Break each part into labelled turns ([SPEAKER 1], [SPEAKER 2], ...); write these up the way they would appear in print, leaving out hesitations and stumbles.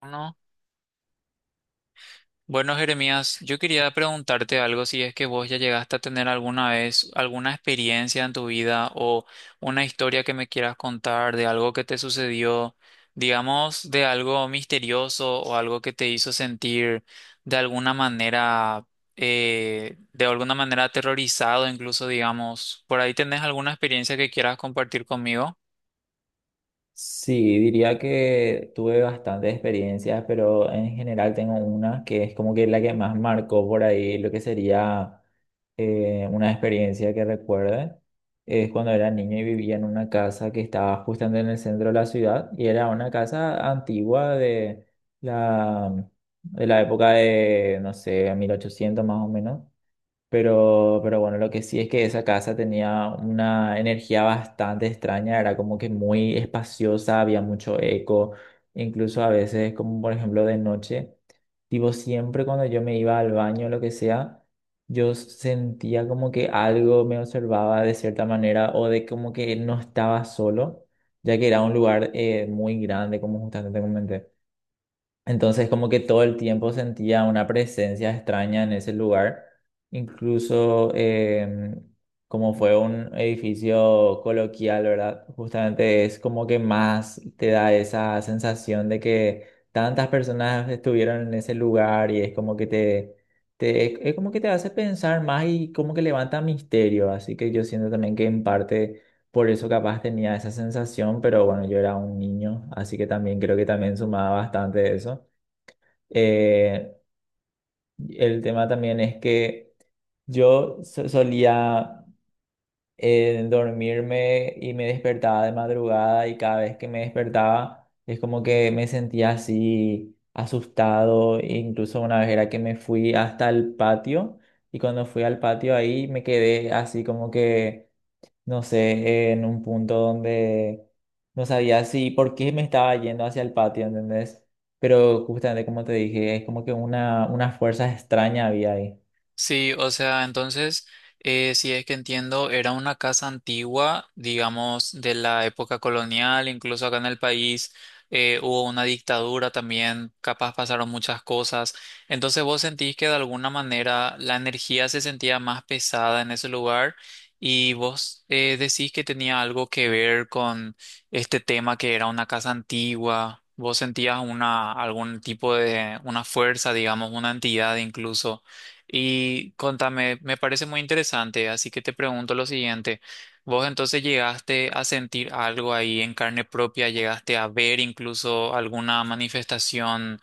[SPEAKER 1] Bueno, bueno, Jeremías, yo quería preguntarte algo, si es que vos ya llegaste a tener alguna vez alguna experiencia en tu vida o una historia que me quieras contar de algo que te sucedió, digamos, de algo misterioso o algo que te hizo sentir de alguna manera, aterrorizado, incluso, digamos, ¿por ahí tenés alguna experiencia que quieras compartir conmigo?
[SPEAKER 2] Sí, diría que tuve bastantes experiencias, pero en general tengo una que es como que la que más marcó por ahí lo que sería una experiencia que recuerde. Es cuando era niño y vivía en una casa que estaba justamente en el centro de la ciudad y era una casa antigua de la, la época de, no sé, 1800 más o menos. Pero bueno, lo que sí es que esa casa tenía una energía bastante extraña, era como que muy espaciosa, había mucho eco, incluso a veces, como por ejemplo de noche, tipo siempre cuando yo me iba al baño o lo que sea, yo sentía como que algo me observaba de cierta manera o de como que no estaba solo, ya que era un lugar muy grande, como justamente te comenté. Entonces como que todo el tiempo sentía una presencia extraña en ese lugar. Incluso como fue un edificio coloquial, ¿verdad? Justamente es como que más te da esa sensación de que tantas personas estuvieron en ese lugar y es como que es como que te hace pensar más y como que levanta misterio. Así que yo siento también que en parte... Por eso capaz tenía esa sensación, pero bueno, yo era un niño, así que también creo que también sumaba bastante eso. Eh, el tema también es que yo solía dormirme y me despertaba de madrugada y cada vez que me despertaba es como que me sentía así asustado. Incluso una vez era que me fui hasta el patio y cuando fui al patio ahí me quedé así como que no sé, en un punto donde no sabía si por qué me estaba yendo hacia el patio, ¿entendés? Pero justamente como te dije, es como que una fuerza extraña había ahí.
[SPEAKER 1] Sí, o sea, entonces, si es que entiendo, era una casa antigua, digamos, de la época colonial, incluso acá en el país hubo una dictadura también, capaz pasaron muchas cosas. Entonces, ¿vos sentís que de alguna manera la energía se sentía más pesada en ese lugar y vos decís que tenía algo que ver con este tema que era una casa antigua? ¿Vos sentías una, algún tipo de, una fuerza, digamos, una entidad incluso? Y contame, me parece muy interesante, así que te pregunto lo siguiente. ¿Vos entonces llegaste a sentir algo ahí en carne propia? ¿Llegaste a ver incluso alguna manifestación,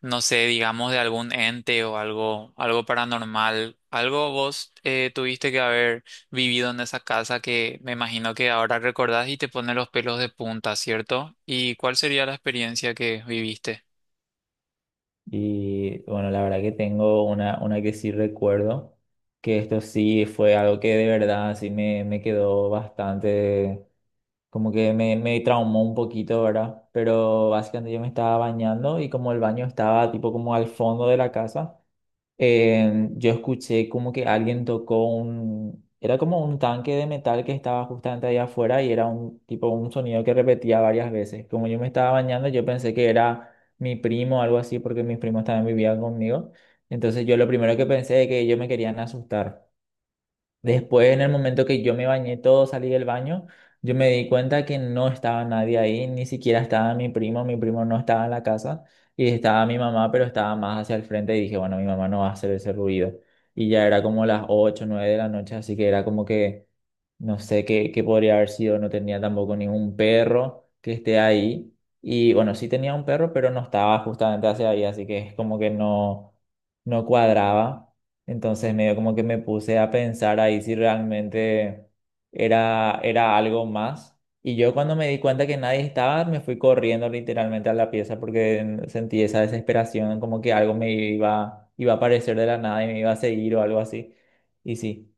[SPEAKER 1] no sé, digamos, de algún ente o algo, algo paranormal? ¿Algo vos tuviste que haber vivido en esa casa que me imagino que ahora recordás y te pone los pelos de punta, cierto? ¿Y cuál sería la experiencia que viviste?
[SPEAKER 2] Y bueno, la verdad que tengo una que sí recuerdo, que esto sí fue algo que de verdad sí me quedó bastante, como que me traumó un poquito, ¿verdad? Pero básicamente yo me estaba bañando y como el baño estaba tipo como al fondo de la casa. Yo escuché como que alguien tocó un, era como un tanque de metal que estaba justamente ahí afuera y era un tipo un sonido que repetía varias veces. Como yo me estaba bañando, yo pensé que era mi primo o algo así porque mis primos también vivían conmigo. Entonces yo lo primero que pensé es que ellos me querían asustar. Después, en el momento que yo me bañé todo, salí del baño, yo me di cuenta que no estaba nadie ahí, ni siquiera estaba mi primo no estaba en la casa y estaba mi mamá, pero estaba más hacia el frente y dije, bueno, mi mamá no va a hacer ese ruido. Y ya era como las 8, 9 de la noche, así que era como que no sé qué, qué podría haber sido, no tenía tampoco ningún perro que esté ahí. Y bueno, sí tenía un perro, pero no estaba justamente hacia ahí, así que es como que no, no cuadraba. Entonces medio como que me puse a pensar ahí si realmente era algo más. Y yo cuando me di cuenta que nadie estaba, me fui corriendo literalmente a la pieza porque sentí esa desesperación, como que algo me iba a aparecer de la nada y me iba a seguir o algo así. Y sí,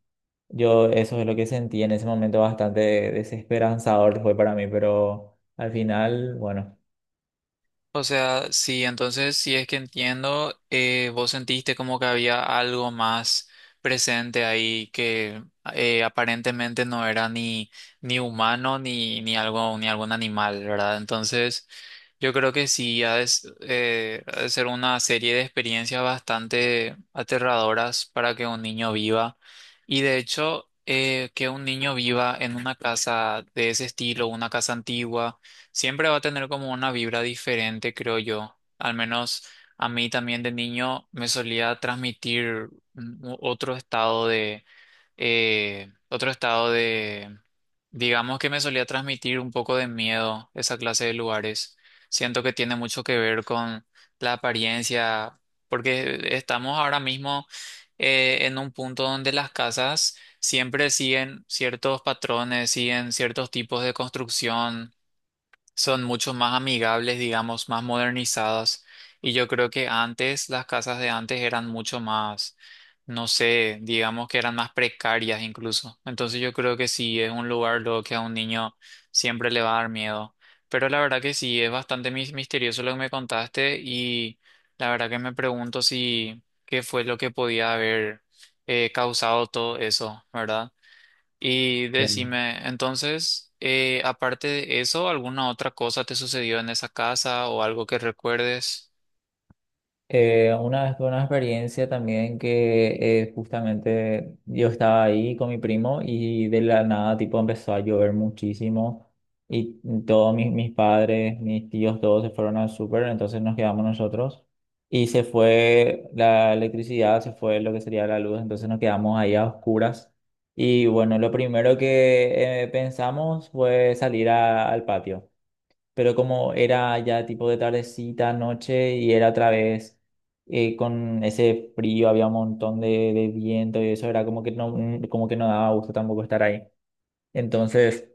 [SPEAKER 2] yo eso es lo que sentí en ese momento bastante desesperanzador fue para mí, pero al final, bueno.
[SPEAKER 1] O sea, sí, entonces si es que entiendo, vos sentiste como que había algo más presente ahí que aparentemente no era ni, ni humano ni, ni algo, ni algún animal, ¿verdad? Entonces, yo creo que sí, ha de ser una serie de experiencias bastante aterradoras para que un niño viva. Y de hecho, que un niño viva en una casa de ese estilo, una casa antigua siempre va a tener como una vibra diferente, creo yo. Al menos a mí también de niño me solía transmitir otro estado de, otro estado de, digamos que me solía transmitir un poco de miedo esa clase de lugares. Siento que tiene mucho que ver con la apariencia, porque estamos ahora mismo en un punto donde las casas siempre siguen ciertos patrones, siguen ciertos tipos de construcción, son mucho más amigables, digamos, más modernizadas. Y yo creo que antes, las casas de antes eran mucho más, no sé, digamos que eran más precarias incluso. Entonces yo creo que sí, es un lugar lo que a un niño siempre le va a dar miedo. Pero la verdad que sí, es bastante misterioso lo que me contaste y la verdad que me pregunto si qué fue lo que podía haber causado todo eso, ¿verdad? Y
[SPEAKER 2] Claro.
[SPEAKER 1] decime, entonces, aparte de eso, ¿alguna otra cosa te sucedió en esa casa o algo que recuerdes?
[SPEAKER 2] Una vez tuve una experiencia también que justamente yo estaba ahí con mi primo y de la nada tipo empezó a llover muchísimo y todos mis padres, mis tíos, todos se fueron al súper, entonces nos quedamos nosotros y se fue la electricidad, se fue lo que sería la luz, entonces nos quedamos ahí a oscuras y bueno, lo primero que pensamos fue salir al patio, pero como era ya tipo de tardecita, noche, y era otra vez con ese frío, había un montón de viento y eso era como que no daba gusto tampoco estar ahí. Entonces...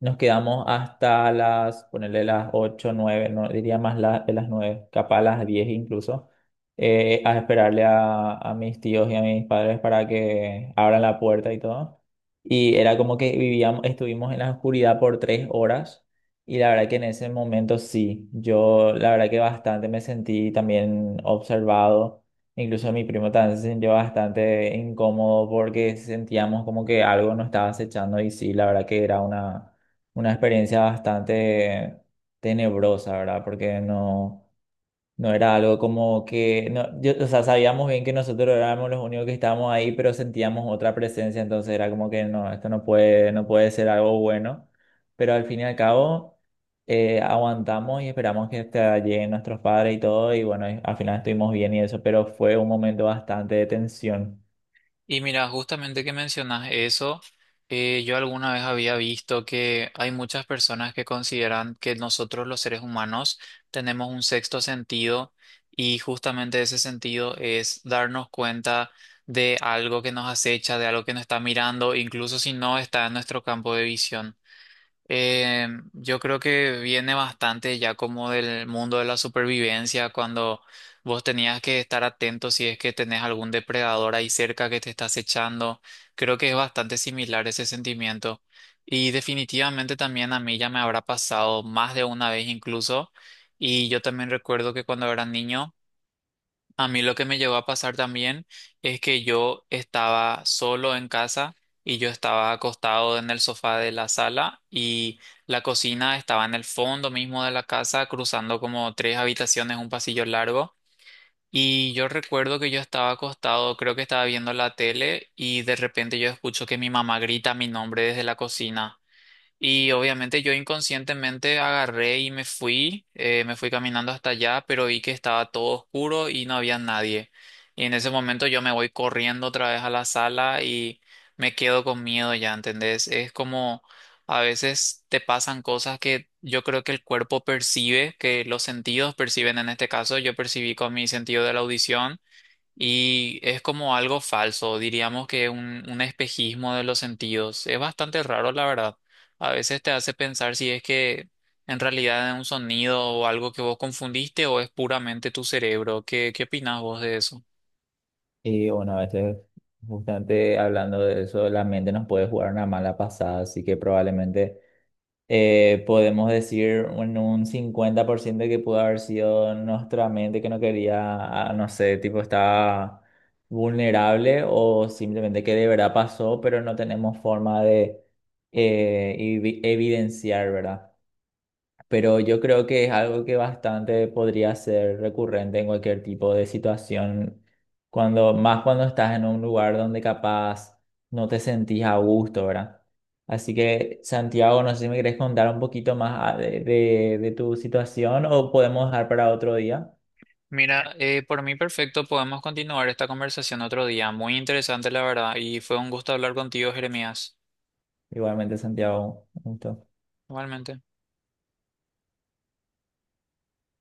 [SPEAKER 2] Nos quedamos hasta las, ponerle las 8, 9 no, diría más de las 9 capaz las 10 incluso, a esperarle a mis tíos y a mis padres para que abran la puerta y todo. Y era como que vivíamos, estuvimos en la oscuridad por 3 horas y la verdad que en ese momento sí, yo la verdad que bastante me sentí también observado, incluso mi primo también se sintió bastante incómodo porque sentíamos como que algo nos estaba acechando y sí, la verdad que era una experiencia bastante tenebrosa, ¿verdad? Porque no, no era algo como que, no, yo- o sea, sabíamos bien que nosotros éramos los únicos que estábamos ahí, pero sentíamos otra presencia, entonces era como que no, esto no puede, no puede ser algo bueno, pero al fin y al cabo aguantamos y esperamos que hasta lleguen nuestros padres y todo, y bueno, y al final estuvimos bien y eso, pero fue un momento bastante de tensión.
[SPEAKER 1] Y mira, justamente que mencionas eso, yo alguna vez había visto que hay muchas personas que consideran que nosotros los seres humanos tenemos un sexto sentido y justamente ese sentido es darnos cuenta de algo que nos acecha, de algo que nos está mirando, incluso si no está en nuestro campo de visión. Yo creo que viene bastante ya como del mundo de la supervivencia, cuando vos tenías que estar atento si es que tenés algún depredador ahí cerca que te está acechando. Creo que es bastante similar ese sentimiento. Y definitivamente también a mí ya me habrá pasado más de una vez incluso. Y yo también recuerdo que cuando era niño a mí lo que me llegó a pasar también es que yo estaba solo en casa y yo estaba acostado en el sofá de la sala y la cocina estaba en el fondo mismo de la casa, cruzando como tres habitaciones, un pasillo largo. Y yo recuerdo que yo estaba acostado, creo que estaba viendo la tele y de repente yo escucho que mi mamá grita mi nombre desde la cocina. Y obviamente yo inconscientemente agarré y me fui caminando hasta allá, pero vi que estaba todo oscuro y no había nadie. Y en ese momento yo me voy corriendo otra vez a la sala y me quedo con miedo ya, ¿entendés? Es como a veces te pasan cosas que yo creo que el cuerpo percibe, que los sentidos perciben en este caso. Yo percibí con mi sentido de la audición y es como algo falso, diríamos que un espejismo de los sentidos. Es bastante raro, la verdad. A veces te hace pensar si es que en realidad es un sonido o algo que vos confundiste o es puramente tu cerebro. ¿Qué, qué opinás vos de eso?
[SPEAKER 2] Y bueno, a veces, justamente hablando de eso, la mente nos puede jugar una mala pasada, así que probablemente podemos decir en un 50% que pudo haber sido nuestra mente que no quería, no sé, tipo estaba vulnerable o simplemente que de verdad pasó, pero no tenemos forma de evidenciar, ¿verdad? Pero yo creo que es algo que bastante podría ser recurrente en cualquier tipo de situación, cuando, más cuando estás en un lugar donde capaz no te sentís a gusto, ¿verdad? Así que, Santiago, no sé si me querés contar un poquito más de tu situación o podemos dejar para otro día.
[SPEAKER 1] Mira, por mí perfecto, podemos continuar esta conversación otro día. Muy interesante, la verdad, y fue un gusto hablar contigo, Jeremías.
[SPEAKER 2] Igualmente, Santiago, un gusto.
[SPEAKER 1] Igualmente.